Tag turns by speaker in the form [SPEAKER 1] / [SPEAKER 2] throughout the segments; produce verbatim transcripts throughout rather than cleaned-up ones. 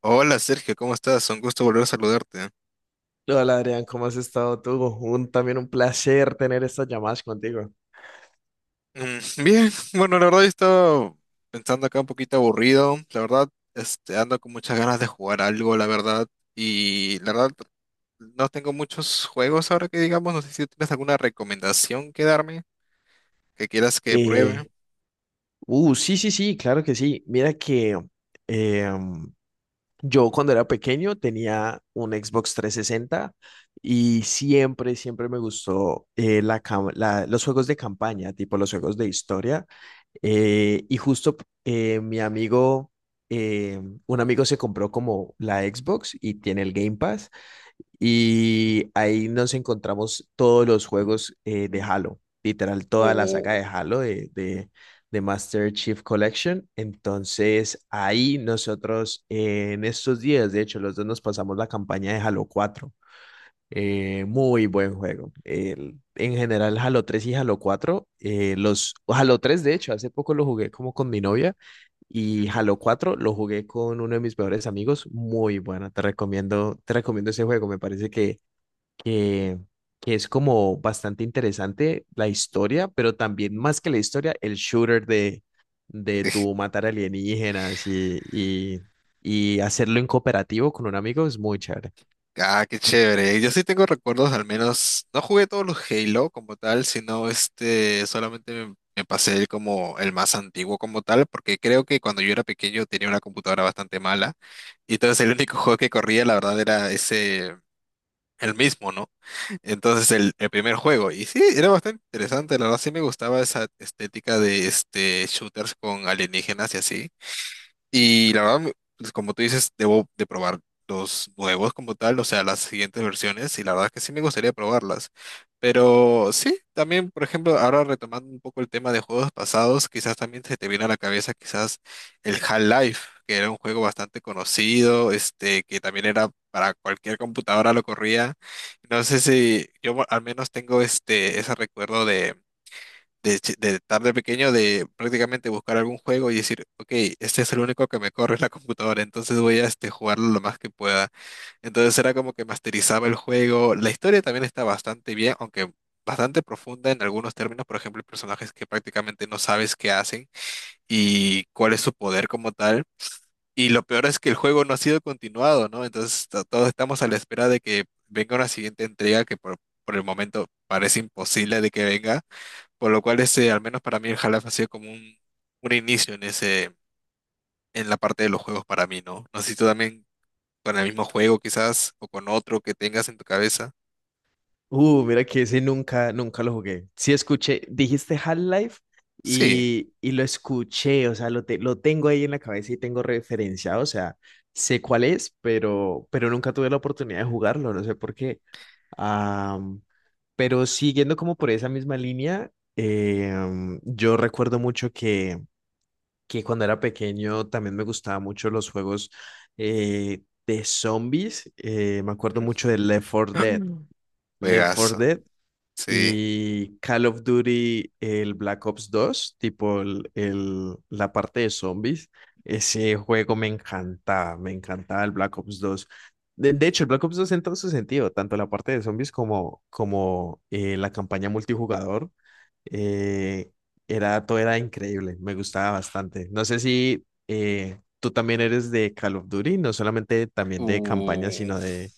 [SPEAKER 1] Hola Sergio, ¿cómo estás? Un gusto volver a saludarte.
[SPEAKER 2] Hola Adrián, ¿cómo has estado tú? Un, también un placer tener estas llamadas contigo.
[SPEAKER 1] Mm. Bien, bueno, la verdad yo estaba pensando acá un poquito aburrido. La verdad, este, ando con muchas ganas de jugar algo, la verdad. Y la verdad, no tengo muchos juegos ahora que digamos. No sé si tienes alguna recomendación que darme, que quieras que pruebe.
[SPEAKER 2] Eh, uh, sí, sí, sí, claro que sí. Mira que eh, yo cuando era pequeño tenía un Xbox trescientos sesenta y siempre, siempre me gustó eh, la, cam- la- los juegos de campaña, tipo los juegos de historia. Eh, y justo eh, mi amigo, eh, un amigo se compró como la Xbox y tiene el Game Pass. Y ahí nos encontramos todos los juegos eh, de Halo, literal, toda la saga de
[SPEAKER 1] O...
[SPEAKER 2] Halo de, de, de Master Chief Collection. Entonces, ahí nosotros eh, en estos días, de hecho, los dos nos pasamos la campaña de Halo cuatro, eh, muy buen juego. El- en general, Halo tres y Halo cuatro, eh, los Halo tres de hecho, hace poco lo jugué como con mi novia, y
[SPEAKER 1] mm,
[SPEAKER 2] Halo cuatro lo jugué con uno de mis mejores amigos. Muy bueno, te recomiendo, te recomiendo ese juego. Me parece que, que, que es como bastante interesante la historia, pero también más que la historia, el shooter de, de tu matar alienígenas y, y, y hacerlo en cooperativo con un amigo es muy chévere.
[SPEAKER 1] Ah, qué chévere. Yo sí tengo recuerdos, al menos, no jugué todos los Halo como tal, sino este, solamente me, me pasé el como el más antiguo como tal, porque creo que cuando yo era pequeño tenía una computadora bastante mala, y entonces el único juego que corría, la verdad, era ese, el mismo, ¿no? Entonces el, el primer juego, y sí, era bastante interesante, la verdad sí me gustaba esa estética de este shooters con alienígenas y así. Y la verdad, me- pues, como tú dices, debo de probar los nuevos como tal, o sea, las siguientes versiones, y la verdad es que sí me gustaría probarlas. Pero sí, también, por ejemplo, ahora retomando un poco el tema de juegos pasados, quizás también se te viene a la cabeza quizás el Half-Life, que era un juego bastante conocido, este, que también era para cualquier computadora lo corría. No sé si yo al menos tengo este, ese recuerdo de de, chi- de estar de pequeño, de prácticamente buscar algún juego y decir, ok, este es el único que me corre en la computadora, entonces voy a este, jugarlo lo más que pueda. Entonces era como que masterizaba el juego. La historia también está bastante bien, aunque bastante profunda en algunos términos. Por ejemplo, hay personajes que prácticamente no sabes qué hacen y cuál es su poder como tal. Y lo peor es que el juego no ha sido continuado, ¿no? Entonces to- todos estamos a la espera de que venga una siguiente entrega que por, por el momento parece imposible de que venga. Por lo cual, ese, al menos para mí, el Half ha sido como un, un inicio en ese, en la parte de los juegos para mí, ¿no? No sé si tú también con el mismo juego quizás, o con otro que tengas en tu cabeza.
[SPEAKER 2] Uh, mira que ese nunca, nunca lo jugué. Sí escuché, dijiste Half-Life,
[SPEAKER 1] Sí.
[SPEAKER 2] y, y lo escuché, o sea, lo, te- lo tengo ahí en la cabeza y tengo referencia, o sea, sé cuál es, pero, pero nunca tuve la oportunidad de jugarlo, no sé por qué. Am, pero siguiendo como por esa misma línea, eh, am, yo recuerdo mucho que, que cuando era pequeño también me gustaban mucho los juegos eh, de zombies, eh, me acuerdo mucho de Left four Dead.
[SPEAKER 1] Ujú.
[SPEAKER 2] Left four
[SPEAKER 1] Juegazo.
[SPEAKER 2] Dead
[SPEAKER 1] Sí.
[SPEAKER 2] y Call of Duty, el Black Ops dos tipo el, el- la parte de zombies. Ese juego me encantaba, me encantaba el Black Ops dos. De, de hecho, el Black Ops dos en todo su sentido, tanto la parte de zombies como, como eh, la campaña multijugador, eh, era, todo era increíble, me gustaba bastante. No sé si eh, tú también eres de Call of Duty, no solamente también de campaña,
[SPEAKER 1] Uh.
[SPEAKER 2] sino de,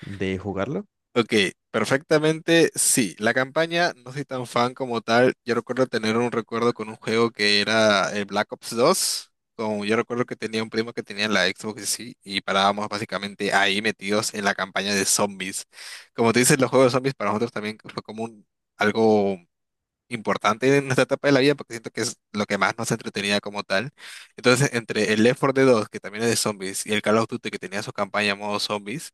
[SPEAKER 2] de jugarlo.
[SPEAKER 1] Ok, perfectamente, sí. La campaña, no soy tan fan como tal. Yo recuerdo tener un recuerdo con un juego que era el Black Ops dos. Como yo recuerdo que tenía un primo que tenía la Xbox y sí, y parábamos básicamente ahí metidos en la campaña de zombies. Como te dices, los juegos de zombies para nosotros también fue como un, algo importante en nuestra etapa de la vida porque siento que es lo que más nos entretenía como tal. Entonces, entre el Left four Dead dos, que también es de zombies, y el Call of Duty, que tenía su campaña modo zombies,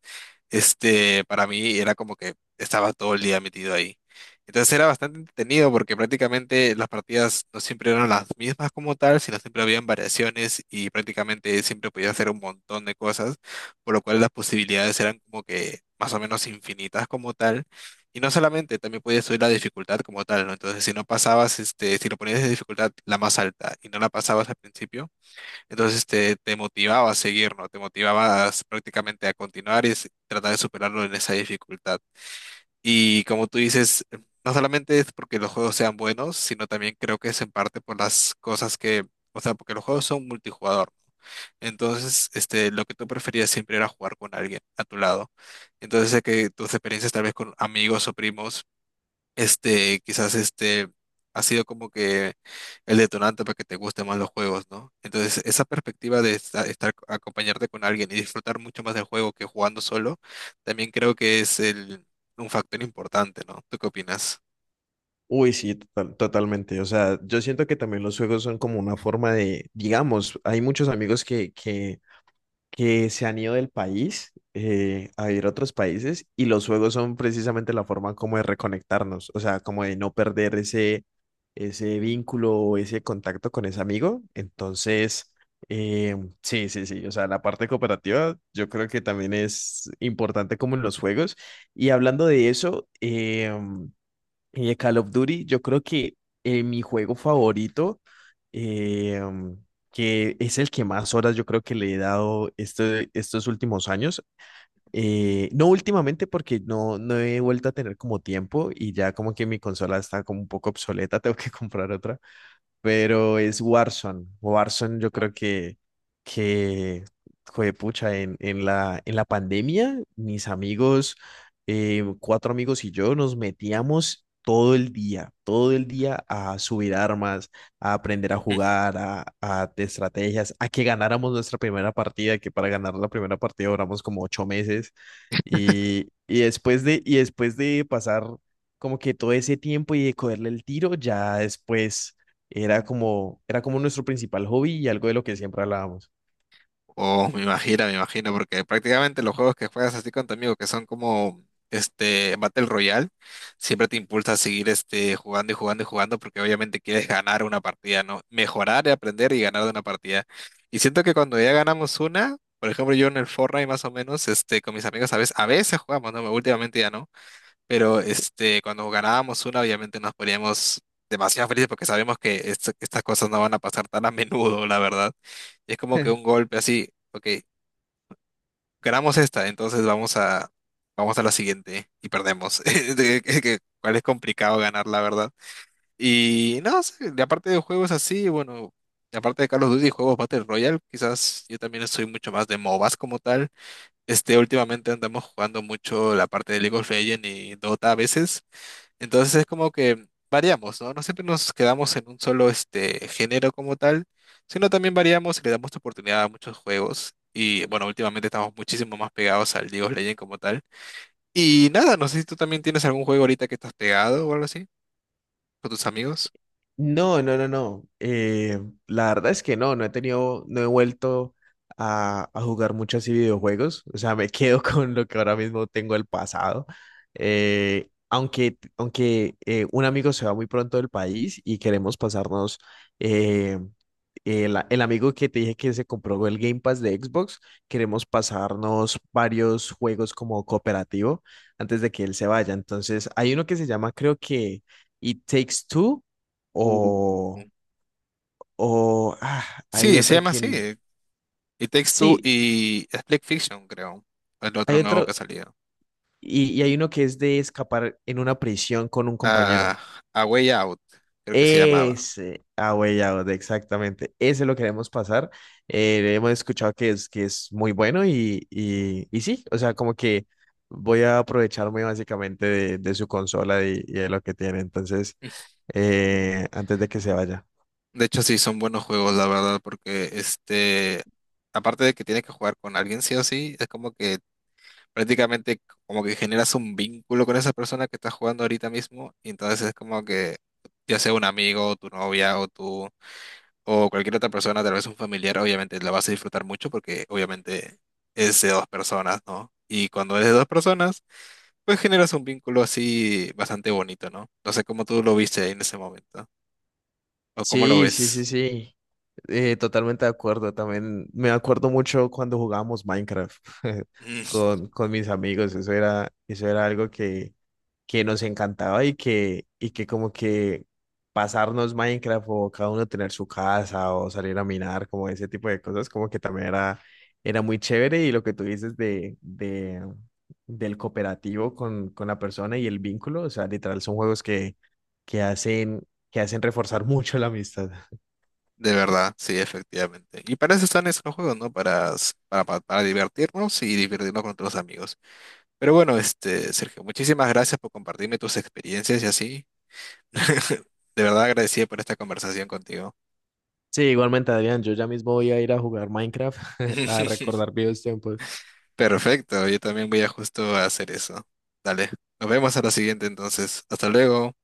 [SPEAKER 1] este, para mí era como que estaba todo el día metido ahí. Entonces era bastante entretenido porque prácticamente las partidas no siempre eran las mismas como tal, sino siempre habían variaciones y prácticamente siempre podía hacer un montón de cosas, por lo cual las posibilidades eran como que más o menos infinitas como tal. Y no solamente, también podías subir la dificultad como tal, ¿no? Entonces, si no pasabas, este, si lo ponías de dificultad la más alta y no la pasabas al principio, entonces este, te motivaba a seguir, ¿no? Te motivabas prácticamente a continuar y s- tratar de superarlo en esa dificultad. Y como tú dices, no solamente es porque los juegos sean buenos, sino también creo que es en parte por las cosas que, o sea, porque los juegos son multijugador, ¿no? Entonces, este, lo que tú preferías siempre era jugar con alguien a tu lado. Entonces, sé que tus experiencias tal vez con amigos o primos este, quizás este ha sido como que el detonante para que te gusten más los juegos, ¿no? Entonces, esa perspectiva de esta- estar, acompañarte con alguien y disfrutar mucho más del juego que jugando solo, también creo que es el, un factor importante, ¿no? ¿Tú qué opinas?
[SPEAKER 2] Uy, sí, total- totalmente. O sea, yo siento que también los juegos son como una forma de, digamos, hay muchos amigos que, que, que se han ido del país, eh, a ir a otros países, y los juegos son precisamente la forma como de reconectarnos, o sea, como de no perder ese, ese vínculo o ese contacto con ese amigo. Entonces, eh, sí, sí, sí, o sea, la parte cooperativa yo creo que también es importante como en los juegos. Y hablando de eso, em, y de Call of Duty, yo creo que eh, mi juego favorito, eh, que es el que más horas yo creo que le he dado este- estos últimos años, eh, no últimamente porque no, no he vuelto a tener como tiempo y ya como que mi consola está como un poco obsoleta, tengo que comprar otra, pero es Warzone. Warzone yo creo que, que juepucha, en, en la, en la pandemia, mis amigos, eh, cuatro amigos y yo nos metíamos todo el día, todo el día a subir armas, a aprender a jugar, a, a de estrategias, a que ganáramos nuestra primera partida, que para ganar la primera partida duramos como ocho meses. Y, y después de, y después de pasar como que todo ese tiempo y de cogerle el tiro, ya después era como, era como nuestro principal hobby y algo de lo que siempre hablábamos.
[SPEAKER 1] Oh, me imagino, me imagino, porque prácticamente los juegos que juegas así con tu amigo, que son como este Battle Royale, siempre te impulsa a seguir este jugando y jugando y jugando, porque obviamente quieres ganar una partida, ¿no? Mejorar, y aprender y ganar de una partida. Y siento que cuando ya ganamos una, por ejemplo, yo en el Fortnite más o menos, este, con mis amigos a veces, a veces jugamos, ¿no? Últimamente ya no. Pero este, cuando ganábamos una, obviamente nos poníamos demasiado felices porque sabemos que esto- estas cosas no van a pasar tan a menudo, la verdad. Es como que un golpe así, ok, ganamos esta, entonces vamos a, vamos a la siguiente y perdemos. De- que- que- Cuál es complicado ganar, la verdad. Y no sé, de aparte de juegos así, bueno, de aparte de Call of Duty y juegos Battle Royale, quizás yo también soy mucho más de MOBAs como tal. Este, últimamente andamos jugando mucho la parte de League of Legends y Dota a veces. Entonces es como que variamos, ¿no? No siempre nos quedamos en un solo este género como tal, sino también variamos y le damos oportunidad a muchos juegos. Y bueno, últimamente estamos muchísimo más pegados al League of Legends como tal. Y nada, no sé si tú también tienes algún juego ahorita que estás pegado o algo así, con tus amigos.
[SPEAKER 2] No, no, no, no. Eh, la verdad es que no, no he tenido, no he vuelto a, a jugar mucho así videojuegos. O sea, me quedo con lo que ahora mismo tengo del pasado. Eh, aunque aunque eh, un amigo se va muy pronto del país y queremos pasarnos, eh, el, el amigo que te dije que se compró el Game Pass de Xbox, queremos pasarnos varios juegos como cooperativo antes de que él se vaya. Entonces, hay uno que se llama, creo que It Takes Two,
[SPEAKER 1] Ujú.
[SPEAKER 2] o, o ah, hay
[SPEAKER 1] Sí, se
[SPEAKER 2] otro
[SPEAKER 1] llama
[SPEAKER 2] que...
[SPEAKER 1] así. Y Takes Two
[SPEAKER 2] Sí,
[SPEAKER 1] y Split Fiction, creo. El otro
[SPEAKER 2] hay
[SPEAKER 1] nuevo que ha
[SPEAKER 2] otro.
[SPEAKER 1] salido.
[SPEAKER 2] Y, y hay uno que es de escapar en una prisión con un compañero.
[SPEAKER 1] Ah, A Way Out, creo que se llamaba.
[SPEAKER 2] Ese, ah, güey, ya, exactamente. Ese lo queremos pasar. Eh, hemos escuchado que es, que es muy bueno y, y, y sí, o sea, como que voy a aprovecharme básicamente de, de su consola y, y de lo que tiene. Entonces, eh, antes de que se vaya.
[SPEAKER 1] De hecho, sí, son buenos juegos, la verdad, porque este, aparte de que tienes que jugar con alguien sí o sí, es como que prácticamente como que generas un vínculo con esa persona que estás jugando ahorita mismo, y entonces es como que ya sea un amigo, tu novia o tú o cualquier otra persona, tal vez un familiar, obviamente la vas a disfrutar mucho porque obviamente es de dos personas, ¿no? Y cuando es de dos personas, pues generas un vínculo así bastante bonito, ¿no? No sé cómo tú lo viste en ese momento o cómo lo
[SPEAKER 2] Sí, sí, sí,
[SPEAKER 1] ves.
[SPEAKER 2] sí. Eh, totalmente de acuerdo. También me acuerdo mucho cuando jugábamos Minecraft con, con mis amigos. Eso era, eso era algo que, que nos encantaba y que, y que como que pasarnos Minecraft o cada uno tener su casa o salir a minar, como ese tipo de cosas, como que también era, era muy chévere. Y lo que tú dices de, de, del cooperativo con, con la persona y el vínculo, o sea, literal son juegos que, que hacen, que hacen reforzar mucho la amistad.
[SPEAKER 1] De verdad, sí, efectivamente. Y para eso están esos juegos, ¿no? Para, s- para, pa- Para divertirnos y divertirnos con otros amigos. Pero bueno, este, Sergio, muchísimas gracias por compartirme tus experiencias y así. De verdad agradecido por esta conversación contigo.
[SPEAKER 2] Sí, igualmente, Adrián, yo ya mismo voy a ir a jugar Minecraft, a recordar viejos tiempos.
[SPEAKER 1] Perfecto, yo también voy a justo a hacer eso. Dale, nos vemos a la siguiente entonces. Hasta luego.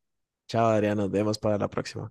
[SPEAKER 2] Chao, Adrián, nos vemos para la próxima.